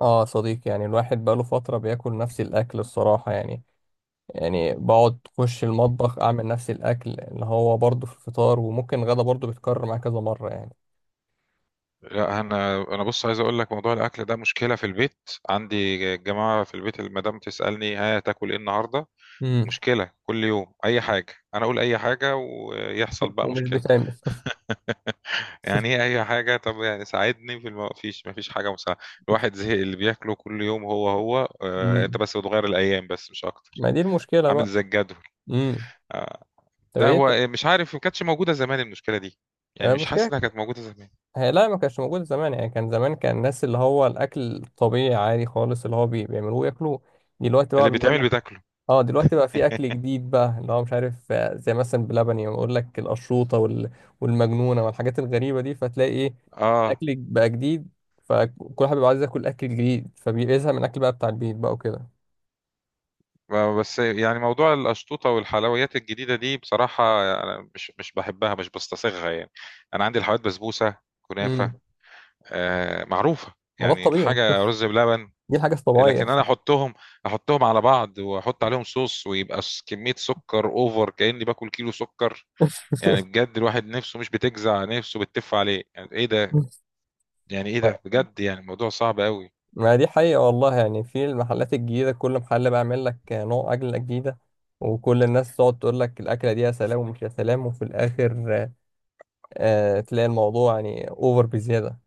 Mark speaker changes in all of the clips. Speaker 1: اه، صديق يعني الواحد بقاله فترة بياكل نفس الأكل الصراحة يعني بقعد أخش المطبخ أعمل نفس الأكل اللي هو برضه في الفطار، وممكن غدا برضه بيتكرر معايا كذا مرة يعني.
Speaker 2: لا، انا بص عايز اقول لك، موضوع الاكل ده مشكله في البيت. عندي جماعه في البيت، المدام تسالني: ها تاكل ايه النهارده؟
Speaker 1: امم.
Speaker 2: مشكله كل يوم، اي حاجه، انا اقول اي حاجه ويحصل بقى
Speaker 1: ومش
Speaker 2: مشكله.
Speaker 1: بيتعمل.
Speaker 2: يعني ايه اي حاجه؟ طب يعني ساعدني، مفيش حاجه مساعده. الواحد زهق اللي بياكله كل يوم هو هو، انت
Speaker 1: امم.
Speaker 2: بس بتغير الايام بس مش اكتر.
Speaker 1: ما دي المشكلة
Speaker 2: عامل
Speaker 1: بقى.
Speaker 2: زي الجدول.
Speaker 1: امم. طب
Speaker 2: لا،
Speaker 1: ايه انت؟
Speaker 2: هو مش عارف، ما كانتش موجوده زمان المشكله دي. يعني مش حاسس
Speaker 1: المشكلة
Speaker 2: انها كانت موجوده زمان.
Speaker 1: هي، لا ما كانش موجود زمان، يعني كان زمان، كان الناس اللي هو الأكل الطبيعي عادي خالص اللي هو بيعملوه ياكلوه. دلوقتي بقى
Speaker 2: اللي
Speaker 1: بيقول
Speaker 2: بيتعمل
Speaker 1: لك،
Speaker 2: بتاكله.
Speaker 1: اه دلوقتي بقى في اكل جديد بقى اللي هو مش عارف آه، زي مثلا بلبن يعني بقول لك القشروطه والمجنونه والحاجات الغريبه دي فتلاقي ايه،
Speaker 2: اه.
Speaker 1: الاكل بقى جديد. فكل واحد بيبقى عايز ياكل اكل جديد فبيزهق من الاكل بقى بتاع البيت بقى وكده.
Speaker 2: بس يعني موضوع الأشطوطة والحلويات الجديدة دي، بصراحة أنا مش بحبها، مش بستصاغها يعني. أنا عندي الحلويات، بسبوسة، كنافة،
Speaker 1: امم.
Speaker 2: آه، معروفة.
Speaker 1: ما ده
Speaker 2: يعني
Speaker 1: الطبيعي.
Speaker 2: الحاجة رز بلبن.
Speaker 1: دي الحاجه الطبيعيه.
Speaker 2: لكن أنا أحطهم، أحطهم على بعض وأحط عليهم صوص ويبقى كمية سكر أوفر، كأني باكل كيلو سكر. يعني بجد الواحد نفسه مش بتجزع، نفسه بتف عليه، يعني إيه ده؟ يعني إيه
Speaker 1: ما
Speaker 2: ده بجد؟ يعني الموضوع صعب قوي.
Speaker 1: ما دي حقيقة والله، يعني في المحلات الجديدة كل محل بيعمل لك نوع أكلة جديدة، وكل الناس تقعد تقول لك الأكلة دي يا سلام ومش يا سلام، وفي الآخر آه، تلاقي الموضوع يعني أوفر بزيادة.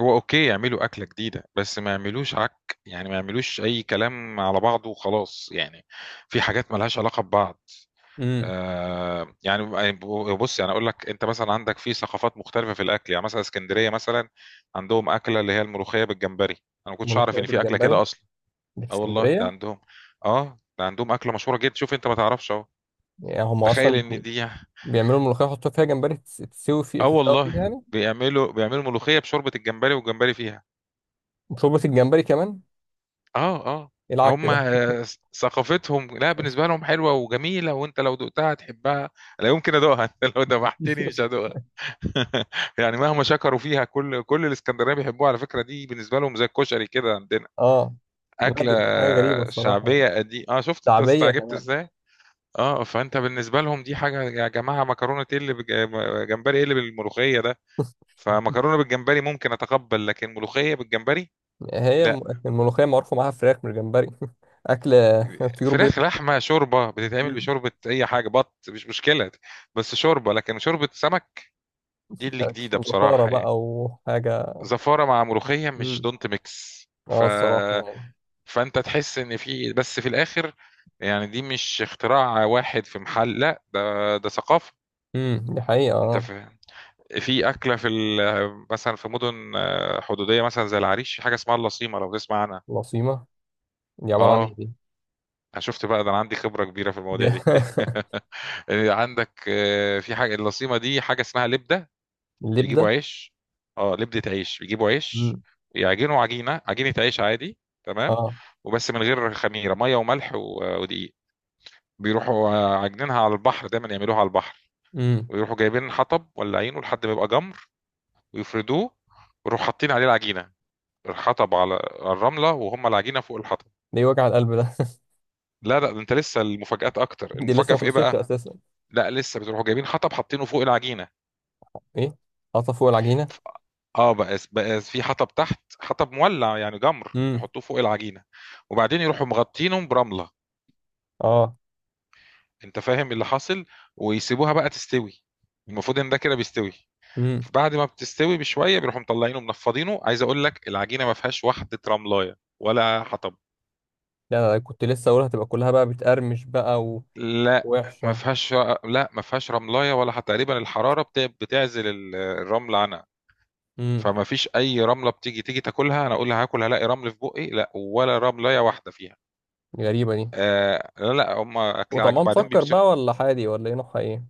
Speaker 2: هو اوكي يعملوا اكله جديده، بس ما يعملوش عك، يعني ما يعملوش اي كلام على بعضه وخلاص يعني. في حاجات ملهاش علاقه ببعض.
Speaker 1: امم.
Speaker 2: آه يعني. بص يعني اقول لك، انت مثلا عندك في ثقافات مختلفه في الاكل، يعني مثلا اسكندريه مثلا، عندهم اكله اللي هي الملوخيه بالجمبري، انا ما كنتش اعرف
Speaker 1: ملوخية
Speaker 2: ان في اكله
Speaker 1: بالجمبري،
Speaker 2: كده اصلا.
Speaker 1: اللي في
Speaker 2: اه والله ده
Speaker 1: اسكندرية؟
Speaker 2: عندهم. اه، ده عندهم اكله مشهوره جدا. شوف انت ما تعرفش اهو.
Speaker 1: يعني هم
Speaker 2: تخيل
Speaker 1: أصلا
Speaker 2: ان دي.
Speaker 1: بيعملوا الملوخية يحطوا فيها جمبري، تس- تسوي في
Speaker 2: اه
Speaker 1: تتسوى فيها
Speaker 2: والله
Speaker 1: يعني.
Speaker 2: بيعملوا ملوخيه بشوربه الجمبري والجمبري فيها.
Speaker 1: وشوربة الجمبري كمان؟
Speaker 2: آه، آه.
Speaker 1: إيه العك
Speaker 2: هم.
Speaker 1: كده؟
Speaker 2: ثقافتهم، لأ، بالنسبة لهم حلوة وجميلة، وأنت لو دُقتها هتحبها. لا يمكن أدوقها، أنت لو دَبَحتني مش هادوقها. يعني مهما شكروا فيها، كل الإسكندرانية بيحبوها، على فكرة دي بالنسبة لهم زي الكشري كده عندنا،
Speaker 1: اه. لا
Speaker 2: أكلة
Speaker 1: دي حاجة غريبة الصراحة يعني.
Speaker 2: شعبية قدي، شُفت أنت
Speaker 1: شعبية
Speaker 2: استعجبت
Speaker 1: كمان؟
Speaker 2: إزاي؟ آه، فأنت بالنسبة لهم دي حاجة، يا جماعة مكرونة إيه اللي بج م جمبري، إيه اللي بالملوخية ده؟ فمكرونة بالجمبري ممكن أتقبّل، لكن ملوخية بالجمبري لأ.
Speaker 1: الملوخية معروفة معاها فراخ من الجمبري. أكل طيور بيض.
Speaker 2: فراخ، لحمه، شوربه بتتعمل
Speaker 1: امم.
Speaker 2: بشوربه اي حاجه، مش مشكله. بس شوربه، لكن شوربه سمك، دي اللي جديده
Speaker 1: زفارة
Speaker 2: بصراحه يعني.
Speaker 1: بقى وحاجة.
Speaker 2: زفاره مع ملوخيه مش
Speaker 1: مم.
Speaker 2: دونت ميكس. ف...
Speaker 1: اه الصراحة يعني.
Speaker 2: فانت تحس ان في، بس في الاخر يعني، دي مش اختراع واحد في محل، لا ده ثقافه.
Speaker 1: امم، دي حقيقة
Speaker 2: انت
Speaker 1: اه.
Speaker 2: فاهم؟ في اكله. مثلا في مدن، حدوديه مثلا زي العريش، في حاجه اسمها اللصيمه لو تسمع عنها.
Speaker 1: العصيمة؟ دي عبارة عن ايه
Speaker 2: اه،
Speaker 1: دي؟
Speaker 2: أنا شُفت بقى ده، أنا عندي خبرة كبيرة في
Speaker 1: دي
Speaker 2: المواضيع دي. عندك في حاجة، اللصيمة دي حاجة اسمها لِبدة. بيجيبوا
Speaker 1: اللبدة.
Speaker 2: عيش. آه، لِبدة عيش، بيجيبوا عيش
Speaker 1: مم.
Speaker 2: يعجنوا عجينة، عجينة عيش عادي، تمام،
Speaker 1: اه.
Speaker 2: وبس من غير خميرة، مَيّة وملح و ودقيق. بيروحوا، عاجنينها على البحر، دايمًا يعملوها على البحر،
Speaker 1: امم.
Speaker 2: ويروحوا جايبين حطب ولّاعينه لحد ما يبقى جَمْر، ويفردوه، ويروحوا حاطين عليه العجينة، الحطب على الرملة، وهُم العجينة فوق الحطب.
Speaker 1: ده إيه وجع القلب ده؟
Speaker 2: لا، لأ، ده أنت لسه المفاجآت أكتر،
Speaker 1: دي لسه
Speaker 2: المفاجأة
Speaker 1: ما
Speaker 2: في إيه
Speaker 1: خلصتش
Speaker 2: بقى؟
Speaker 1: اساسا.
Speaker 2: لا، لسه بتروحوا جايبين حطب حاطينه فوق العجينه.
Speaker 1: ايه، حاطه فوق العجينه؟
Speaker 2: ف- اه بقى في حطب تحت، حطب مولع يعني جمر،
Speaker 1: امم.
Speaker 2: يحطوه فوق العجينه. وبعدين يروحوا مغطينهم برمله.
Speaker 1: اه.
Speaker 2: انت فاهم اللي حاصل؟ ويسيبوها بقى تستوي. المفروض ان ده كده بيستوي.
Speaker 1: امم.
Speaker 2: بعد ما بتستوي بشويه بيروحوا مطلعينه منفضينه، عايز اقول لك العجينه ما فيهاش واحده رملايه ولا حطب.
Speaker 1: لا لا لا، كنت لسه اقولها هتبقى كلها بقى بتقرمش بقى
Speaker 2: لا، ما
Speaker 1: ووحشه.
Speaker 2: فيهاش. لا، ما فيهاش رملايه ولا حتى، تقريبا الحراره بتعزل الرمل عنها.
Speaker 1: امم.
Speaker 2: فما فيش اي رمله، بتيجي تاكلها، انا اقول لها هاكل هلاقي رمل في بقي، لا ولا رمله واحده فيها.
Speaker 1: غريبه دي.
Speaker 2: آه، لا لا، هم اكلها
Speaker 1: وطعمها
Speaker 2: بعدين
Speaker 1: مسكر
Speaker 2: بيمسك.
Speaker 1: بقى ولا حادي ولا ايه نوعها ايه؟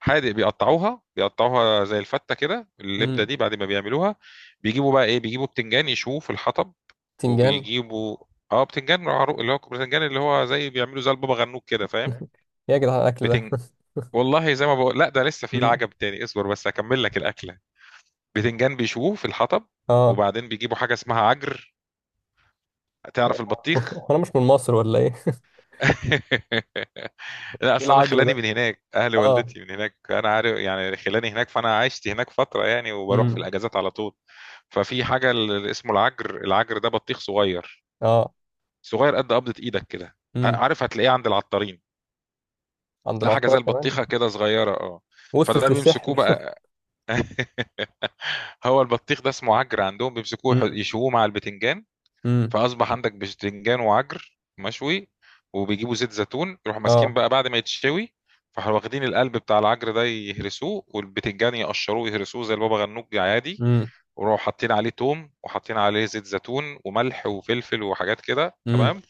Speaker 2: حادق، بيقطعوها زي الفته كده، اللبده
Speaker 1: امم.
Speaker 2: دي بعد ما بيعملوها، بيجيبوا بقى ايه، بيجيبوا بتنجان يشوه في الحطب.
Speaker 1: تنجان؟
Speaker 2: وبيجيبوا، اه، بتنجان، اللي هو بتنجان اللي هو زي بيعملوا زي البابا غنوج كده، فاهم؟
Speaker 1: يا جدعان الاكل ده.
Speaker 2: بتنج والله زي ما بقول، لا ده لسه في
Speaker 1: امم.
Speaker 2: العجب تاني، اصبر بس اكمل لك الاكله. بتنجان بيشوه في الحطب،
Speaker 1: اه.
Speaker 2: وبعدين بيجيبوا حاجه اسمها عجر. تعرف البطيخ؟
Speaker 1: انا مش من مصر ولا ايه؟
Speaker 2: لأ،
Speaker 1: ايه
Speaker 2: أصل أنا
Speaker 1: العجر
Speaker 2: خلّاني
Speaker 1: ده؟
Speaker 2: من هناك، أهل
Speaker 1: اه.
Speaker 2: والدتي من هناك، أنا عارف يعني خلّاني هناك، فأنا عِشت هناك فترة يعني وباروح في
Speaker 1: امم.
Speaker 2: الأجازات على طول. ففي حاجة اسمه العجْر، العجْر ده بطيخ صغيّر،
Speaker 1: اه.
Speaker 2: صغيّر قد قبضة إيدك كده.
Speaker 1: امم.
Speaker 2: عارف، هتلاقيه عند العطّارين،
Speaker 1: عند
Speaker 2: تلاقي حاجة
Speaker 1: العطار
Speaker 2: زي
Speaker 1: كمان؟
Speaker 2: البطيخة كده صغيّرة. فده
Speaker 1: وصلت
Speaker 2: بيمسكوه
Speaker 1: للسحر.
Speaker 2: بقى. هو البطيخ ده اسمه عجْر عندهم، بيمسكوه
Speaker 1: امم.
Speaker 2: يشووه مع البتنجان.
Speaker 1: امم.
Speaker 2: فأصبح عندك بتنجان وعجر مشوي، وبيجيبوا زيت زيتون، يروحوا
Speaker 1: اه.
Speaker 2: ماسكين بقى بعد ما يتشوي، فراحوا واخدين القلب بتاع العجر ده يهرسوه، والبتنجان يقشروه يهرسوه زي البابا غنوج عادي.
Speaker 1: امم.
Speaker 2: وراحوا حاطين عليه توم وحاطين عليه زيت زيتون وملح وفلفل وحاجات كده،
Speaker 1: امم.
Speaker 2: تمام،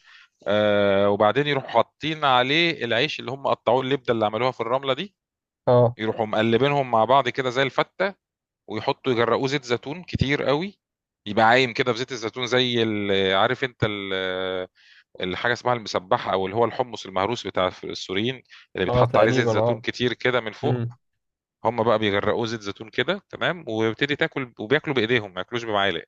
Speaker 2: آه، وبعدين يروحوا حاطين عليه العيش اللي هم قطعوه، اللبده اللي عملوها في الرمله دي،
Speaker 1: اه.
Speaker 2: يروحوا مقلبينهم مع بعض كده زي الفته، ويحطوا يجرقوه زيت زيتون كتير قوي، يبقى عايم كده في زيت الزيتون، زي عارف انت، الحاجه اسمها المسبحه او اللي هو الحمص المهروس بتاع السوريين، اللي
Speaker 1: اه
Speaker 2: بيتحط عليه زيت
Speaker 1: تقريبا
Speaker 2: زيتون
Speaker 1: اه.
Speaker 2: كتير كده من فوق.
Speaker 1: امم.
Speaker 2: هم بقى بيغرقوه زيت زيتون كده، تمام، ويبتدي تاكل، وبياكلوا بايديهم ما ياكلوش بمعالق.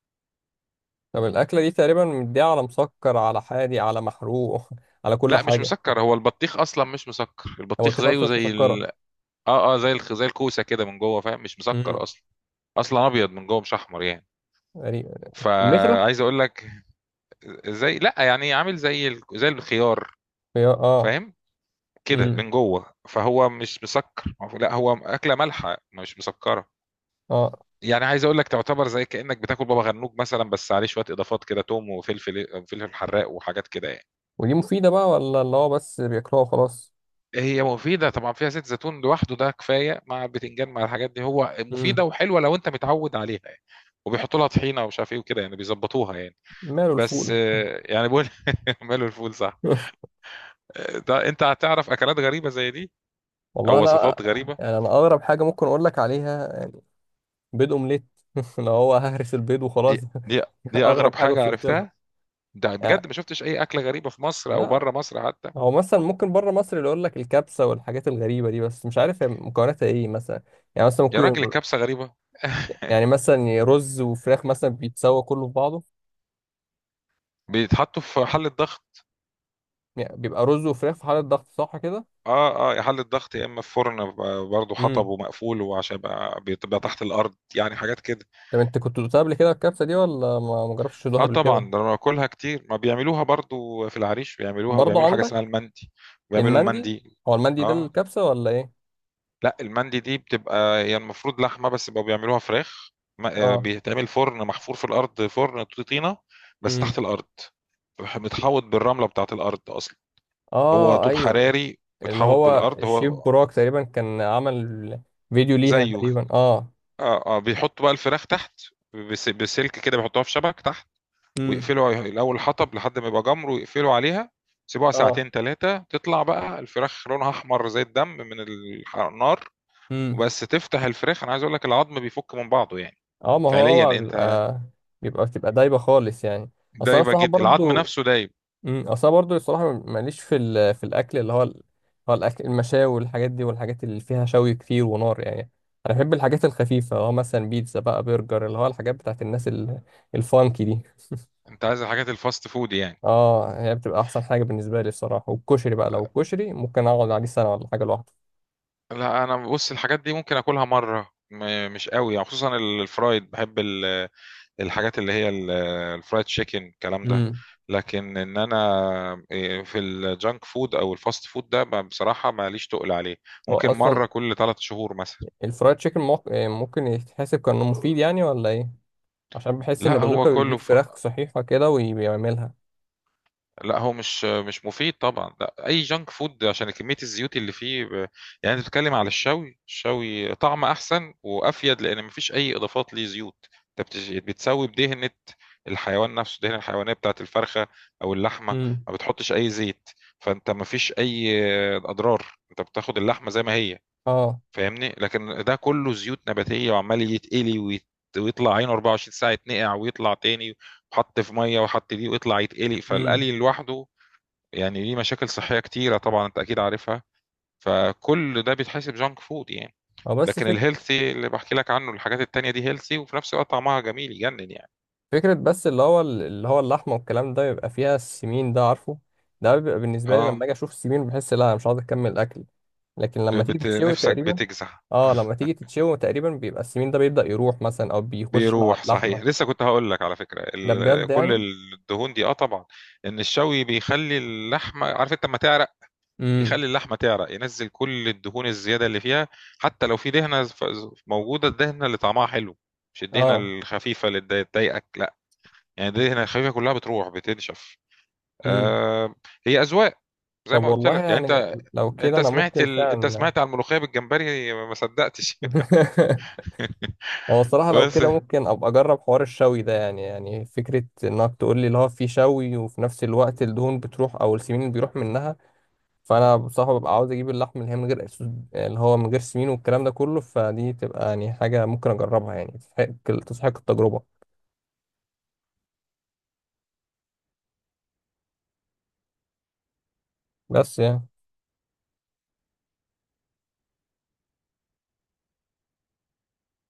Speaker 1: طب الاكله دي تقريبا مديها على مسكر على حادي على محروق، على كل
Speaker 2: لا مش
Speaker 1: حاجه.
Speaker 2: مسكر، هو البطيخ اصلا مش مسكر، البطيخ
Speaker 1: البطيخ
Speaker 2: زيه
Speaker 1: اصلا مش
Speaker 2: زي.
Speaker 1: مسكره.
Speaker 2: اه اه، زي زي الكوسه كده من جوه، فاهم مش
Speaker 1: امم.
Speaker 2: مسكر اصلا. اصلا ابيض من جوه مش احمر يعني.
Speaker 1: تقريبا كمثرى.
Speaker 2: فعايز اقول لك زي، لا يعني، عامل زي زي الخيار،
Speaker 1: اه.
Speaker 2: فاهم؟ كده
Speaker 1: امم.
Speaker 2: من جوه، فهو مش مسكر. لا، هو اكله مالحه مش مسكره.
Speaker 1: اه.
Speaker 2: يعني عايز اقول لك، تعتبر زي كانك بتاكل بابا غنوج مثلا، بس عليه شويه اضافات كده، توم وفلفل، فلفل حراق، وحاجات كده يعني.
Speaker 1: ودي مفيده بقى ولا اللي هو بس بياكلوها وخلاص؟
Speaker 2: هي مفيده طبعا، فيها زيت زيتون لوحده ده كفايه، مع البتنجان مع الحاجات دي، هو
Speaker 1: امم.
Speaker 2: مفيده وحلوه لو انت متعود عليها يعني. وبيحطوا لها طحينه ومش عارف ايه وكده، يعني بيظبطوها يعني.
Speaker 1: ماله
Speaker 2: بس
Speaker 1: الفول.
Speaker 2: آه، يعني بقول، ماله الفول، صح. آه، ده انت هتعرف اكلات غريبه زي دي،
Speaker 1: والله
Speaker 2: او
Speaker 1: انا
Speaker 2: وصفات غريبه.
Speaker 1: يعني، انا اغرب حاجه ممكن اقول لك عليها بيض اومليت. اللي هو ههرس البيض
Speaker 2: دي
Speaker 1: وخلاص.
Speaker 2: دي دي
Speaker 1: اغرب
Speaker 2: اغرب
Speaker 1: حاجه
Speaker 2: حاجه
Speaker 1: وصلت لها
Speaker 2: عرفتها. ده بجد
Speaker 1: يعني.
Speaker 2: ما شفتش اي اكله غريبه في مصر او
Speaker 1: لا،
Speaker 2: بره مصر حتى.
Speaker 1: هو مثلا ممكن بره مصر اللي يقول لك الكبسه والحاجات الغريبه دي، بس مش عارف هي مكوناتها ايه مثلا. يعني مثلا
Speaker 2: يا راجل
Speaker 1: ممكن،
Speaker 2: الكبسه غريبه؟
Speaker 1: يعني مثلا رز وفراخ مثلا بيتسوى كله في بعضه.
Speaker 2: بيتحطّوا في حلّة ضغط.
Speaker 1: يعني بيبقى رز وفراخ في حاله ضغط صح كده.
Speaker 2: آه، آه، يا حلّة ضغط يا إمّا في فرن، برضه حطب
Speaker 1: امم.
Speaker 2: ومقفول، وعشان يبقى بتبقى تحت الأرض، يعني حاجات كده.
Speaker 1: طب انت كنت دوقتها قبل كده الكبسه دي ولا ما جربتش تدوقها
Speaker 2: آه
Speaker 1: قبل
Speaker 2: طبعًا،
Speaker 1: كده؟
Speaker 2: ده أنا باكلها كتير، ما بيعملوها برضه في العريش، بيعملوها
Speaker 1: برضه
Speaker 2: وبيعملوا حاجة اسمها
Speaker 1: عندك
Speaker 2: المندي، وبيعملوا
Speaker 1: المندي.
Speaker 2: المندي.
Speaker 1: هو المندي ده
Speaker 2: آه،
Speaker 1: الكبسه ولا ايه؟
Speaker 2: لأ، المندي دي بتبقى هي المفروض لحمة، بس بقوا بيعملوها فراخ. م
Speaker 1: اه.
Speaker 2: بيتعمل فرن محفور في الأرض، فرن طينة، بس
Speaker 1: امم.
Speaker 2: تحت الأرض، متحوّط بالرملة بتاعة الأرض أصلًا، هو
Speaker 1: اه
Speaker 2: طوب
Speaker 1: ايوه.
Speaker 2: حراري
Speaker 1: اللي
Speaker 2: متحوّط
Speaker 1: هو
Speaker 2: بالأرض،
Speaker 1: الشيف
Speaker 2: هو
Speaker 1: براك تقريبا كان عمل فيديو ليها
Speaker 2: زيّه.
Speaker 1: تقريبا اه.
Speaker 2: اه، اه، بيحطوا بقى الفراخ تحت، بسلك كده بيحطوها في شبك تحت،
Speaker 1: امم.
Speaker 2: ويقفلوا الاول حطب لحد ما يبقى جمر، ويقفلوا عليها. يسيبوها ساعتين ثلاثه، تطلع بقى الفراخ لونها احمر زي الدم من النار.
Speaker 1: اه.
Speaker 2: وبس تفتح الفراخ، انا عايز اقول لك، العظم بيفك من بعضه يعني.
Speaker 1: اه ما
Speaker 2: فعليا
Speaker 1: هو
Speaker 2: انت،
Speaker 1: بيبقى بتبقى دايبه خالص يعني. اصل انا
Speaker 2: دايبه
Speaker 1: الصراحه
Speaker 2: جدا، العظم
Speaker 1: برضو.
Speaker 2: نفسه دايب.
Speaker 1: امم، اصل أنا برضو الصراحه ماليش في الاكل هو الاكل المشاوي والحاجات دي والحاجات اللي فيها شوي كتير ونار يعني. انا بحب الحاجات الخفيفه اللي هو مثلا بيتزا بقى برجر، اللي هو الحاجات بتاعت الناس الفانكي دي.
Speaker 2: انت عايز الحاجات الفاست فود يعني؟
Speaker 1: اه، هي بتبقى احسن حاجه بالنسبه لي الصراحه، والكشري بقى لو كشري ممكن اقعد عليه سنه ولا حاجه لوحده.
Speaker 2: لا، انا بص، الحاجات دي ممكن اكلها مره، مش قوي يعني، خصوصا الفرايد بحب، الحاجات اللي هي الفرايد تشيكن الكلام ده.
Speaker 1: امم.
Speaker 2: لكن انا إيه، في الجانك فود او الفاست فود ده، بصراحه ماليش تقل عليه.
Speaker 1: هو
Speaker 2: ممكن
Speaker 1: اصلا
Speaker 2: مره كل 3 شهور مثلا.
Speaker 1: الفرايد تشيكن ممكن يتحسب كأنه مفيد يعني ولا ايه؟ عشان بحس ان
Speaker 2: لا هو
Speaker 1: بازوكا بيجيب
Speaker 2: كله.
Speaker 1: فراخ صحيحة كده وبيعملها.
Speaker 2: لا، هو مش مفيد طبعا، لا اي جانك فود، عشان كميه الزيوت اللي فيه. يعني انت بتتكلم على الشوي، الشوي طعم احسن وافيد، لان مفيش اي اضافات ليه زيوت. انت بتسوي بدهنه، الحيوان نفسه دهنه الحيوانيه بتاعت الفرخه او اللحمه،
Speaker 1: امم.
Speaker 2: ما بتحطش اي زيت. فانت مفيش اي اضرار، انت بتاخد اللحمه زي ما هي،
Speaker 1: اه.
Speaker 2: فاهمني. لكن ده كله زيوت نباتيه وعمال يتقلي ويطلع عينه 24 ساعه، يتنقع ويطلع تاني، وحط في ميه وحط دي، ويطلع يتقلي،
Speaker 1: امم.
Speaker 2: فالقلي لوحده يعني ليه مشاكل صحية كتيرة طبعا، انت اكيد عارفها، فكل ده بيتحسب جانك فود يعني.
Speaker 1: هو بس
Speaker 2: لكن
Speaker 1: فك...
Speaker 2: الهيلثي اللي بحكي لك عنه، الحاجات التانية دي هيلثي، وفي نفس الوقت طعمها جميل يجنن يعني.
Speaker 1: فكرة بس اللي هو اللي هو اللحمة والكلام ده بيبقى فيها السمين ده عارفه. ده بيبقى بالنسبة لي لما
Speaker 2: اه
Speaker 1: اجي اشوف السمين بحس لا انا مش عاوز اكمل اكل. لكن لما تيجي تتشوي
Speaker 2: نفسك
Speaker 1: تقريبا،
Speaker 2: بتجزع.
Speaker 1: اه لما تيجي تتشوي تقريبا بيبقى السمين ده بيبدأ يروح مثلا او بيخش مع
Speaker 2: بيروح صحيح،
Speaker 1: اللحمة.
Speaker 2: لسه كنت هقول لك على فكرة
Speaker 1: ده بجد
Speaker 2: كل
Speaker 1: يعني.
Speaker 2: الدهون دي، طبعا، ان الشوي بيخلي اللحمة، عارف انت لما تعرق
Speaker 1: امم.
Speaker 2: يخلي اللحمة تعرق، ينزل كل الدهون الزيادة اللي فيها. حتى لو في دهنة موجودة، الدهنة اللي طعمها حلو، مش الدهنة
Speaker 1: اه.
Speaker 2: الخفيفة اللي تضايقك، لا. يعني دي هنا الخفيفة كلها بتروح، بتنشف.
Speaker 1: امم.
Speaker 2: آه، هي أذواق، زي
Speaker 1: طب
Speaker 2: ما قلت
Speaker 1: والله
Speaker 2: لك يعني.
Speaker 1: يعني
Speaker 2: انت
Speaker 1: لو كده
Speaker 2: انت
Speaker 1: انا
Speaker 2: سمعت
Speaker 1: ممكن
Speaker 2: ال... انت
Speaker 1: فعلا.
Speaker 2: سمعت على الملوخية بالجمبري، ما صدقتش.
Speaker 1: هو الصراحة لو
Speaker 2: بس
Speaker 1: كده ممكن أبقى أجرب حوار الشوي ده، يعني فكرة إنك تقول لي اللي هو في شوي وفي نفس الوقت الدهون بتروح أو السمين اللي بيروح منها. فأنا بصراحة ببقى عاوز أجيب اللحم اللي هي من غير اللي هو من غير سمين والكلام ده كله، فدي تبقى يعني حاجة ممكن أجربها يعني، تستحق تستحق التجربة بس يعني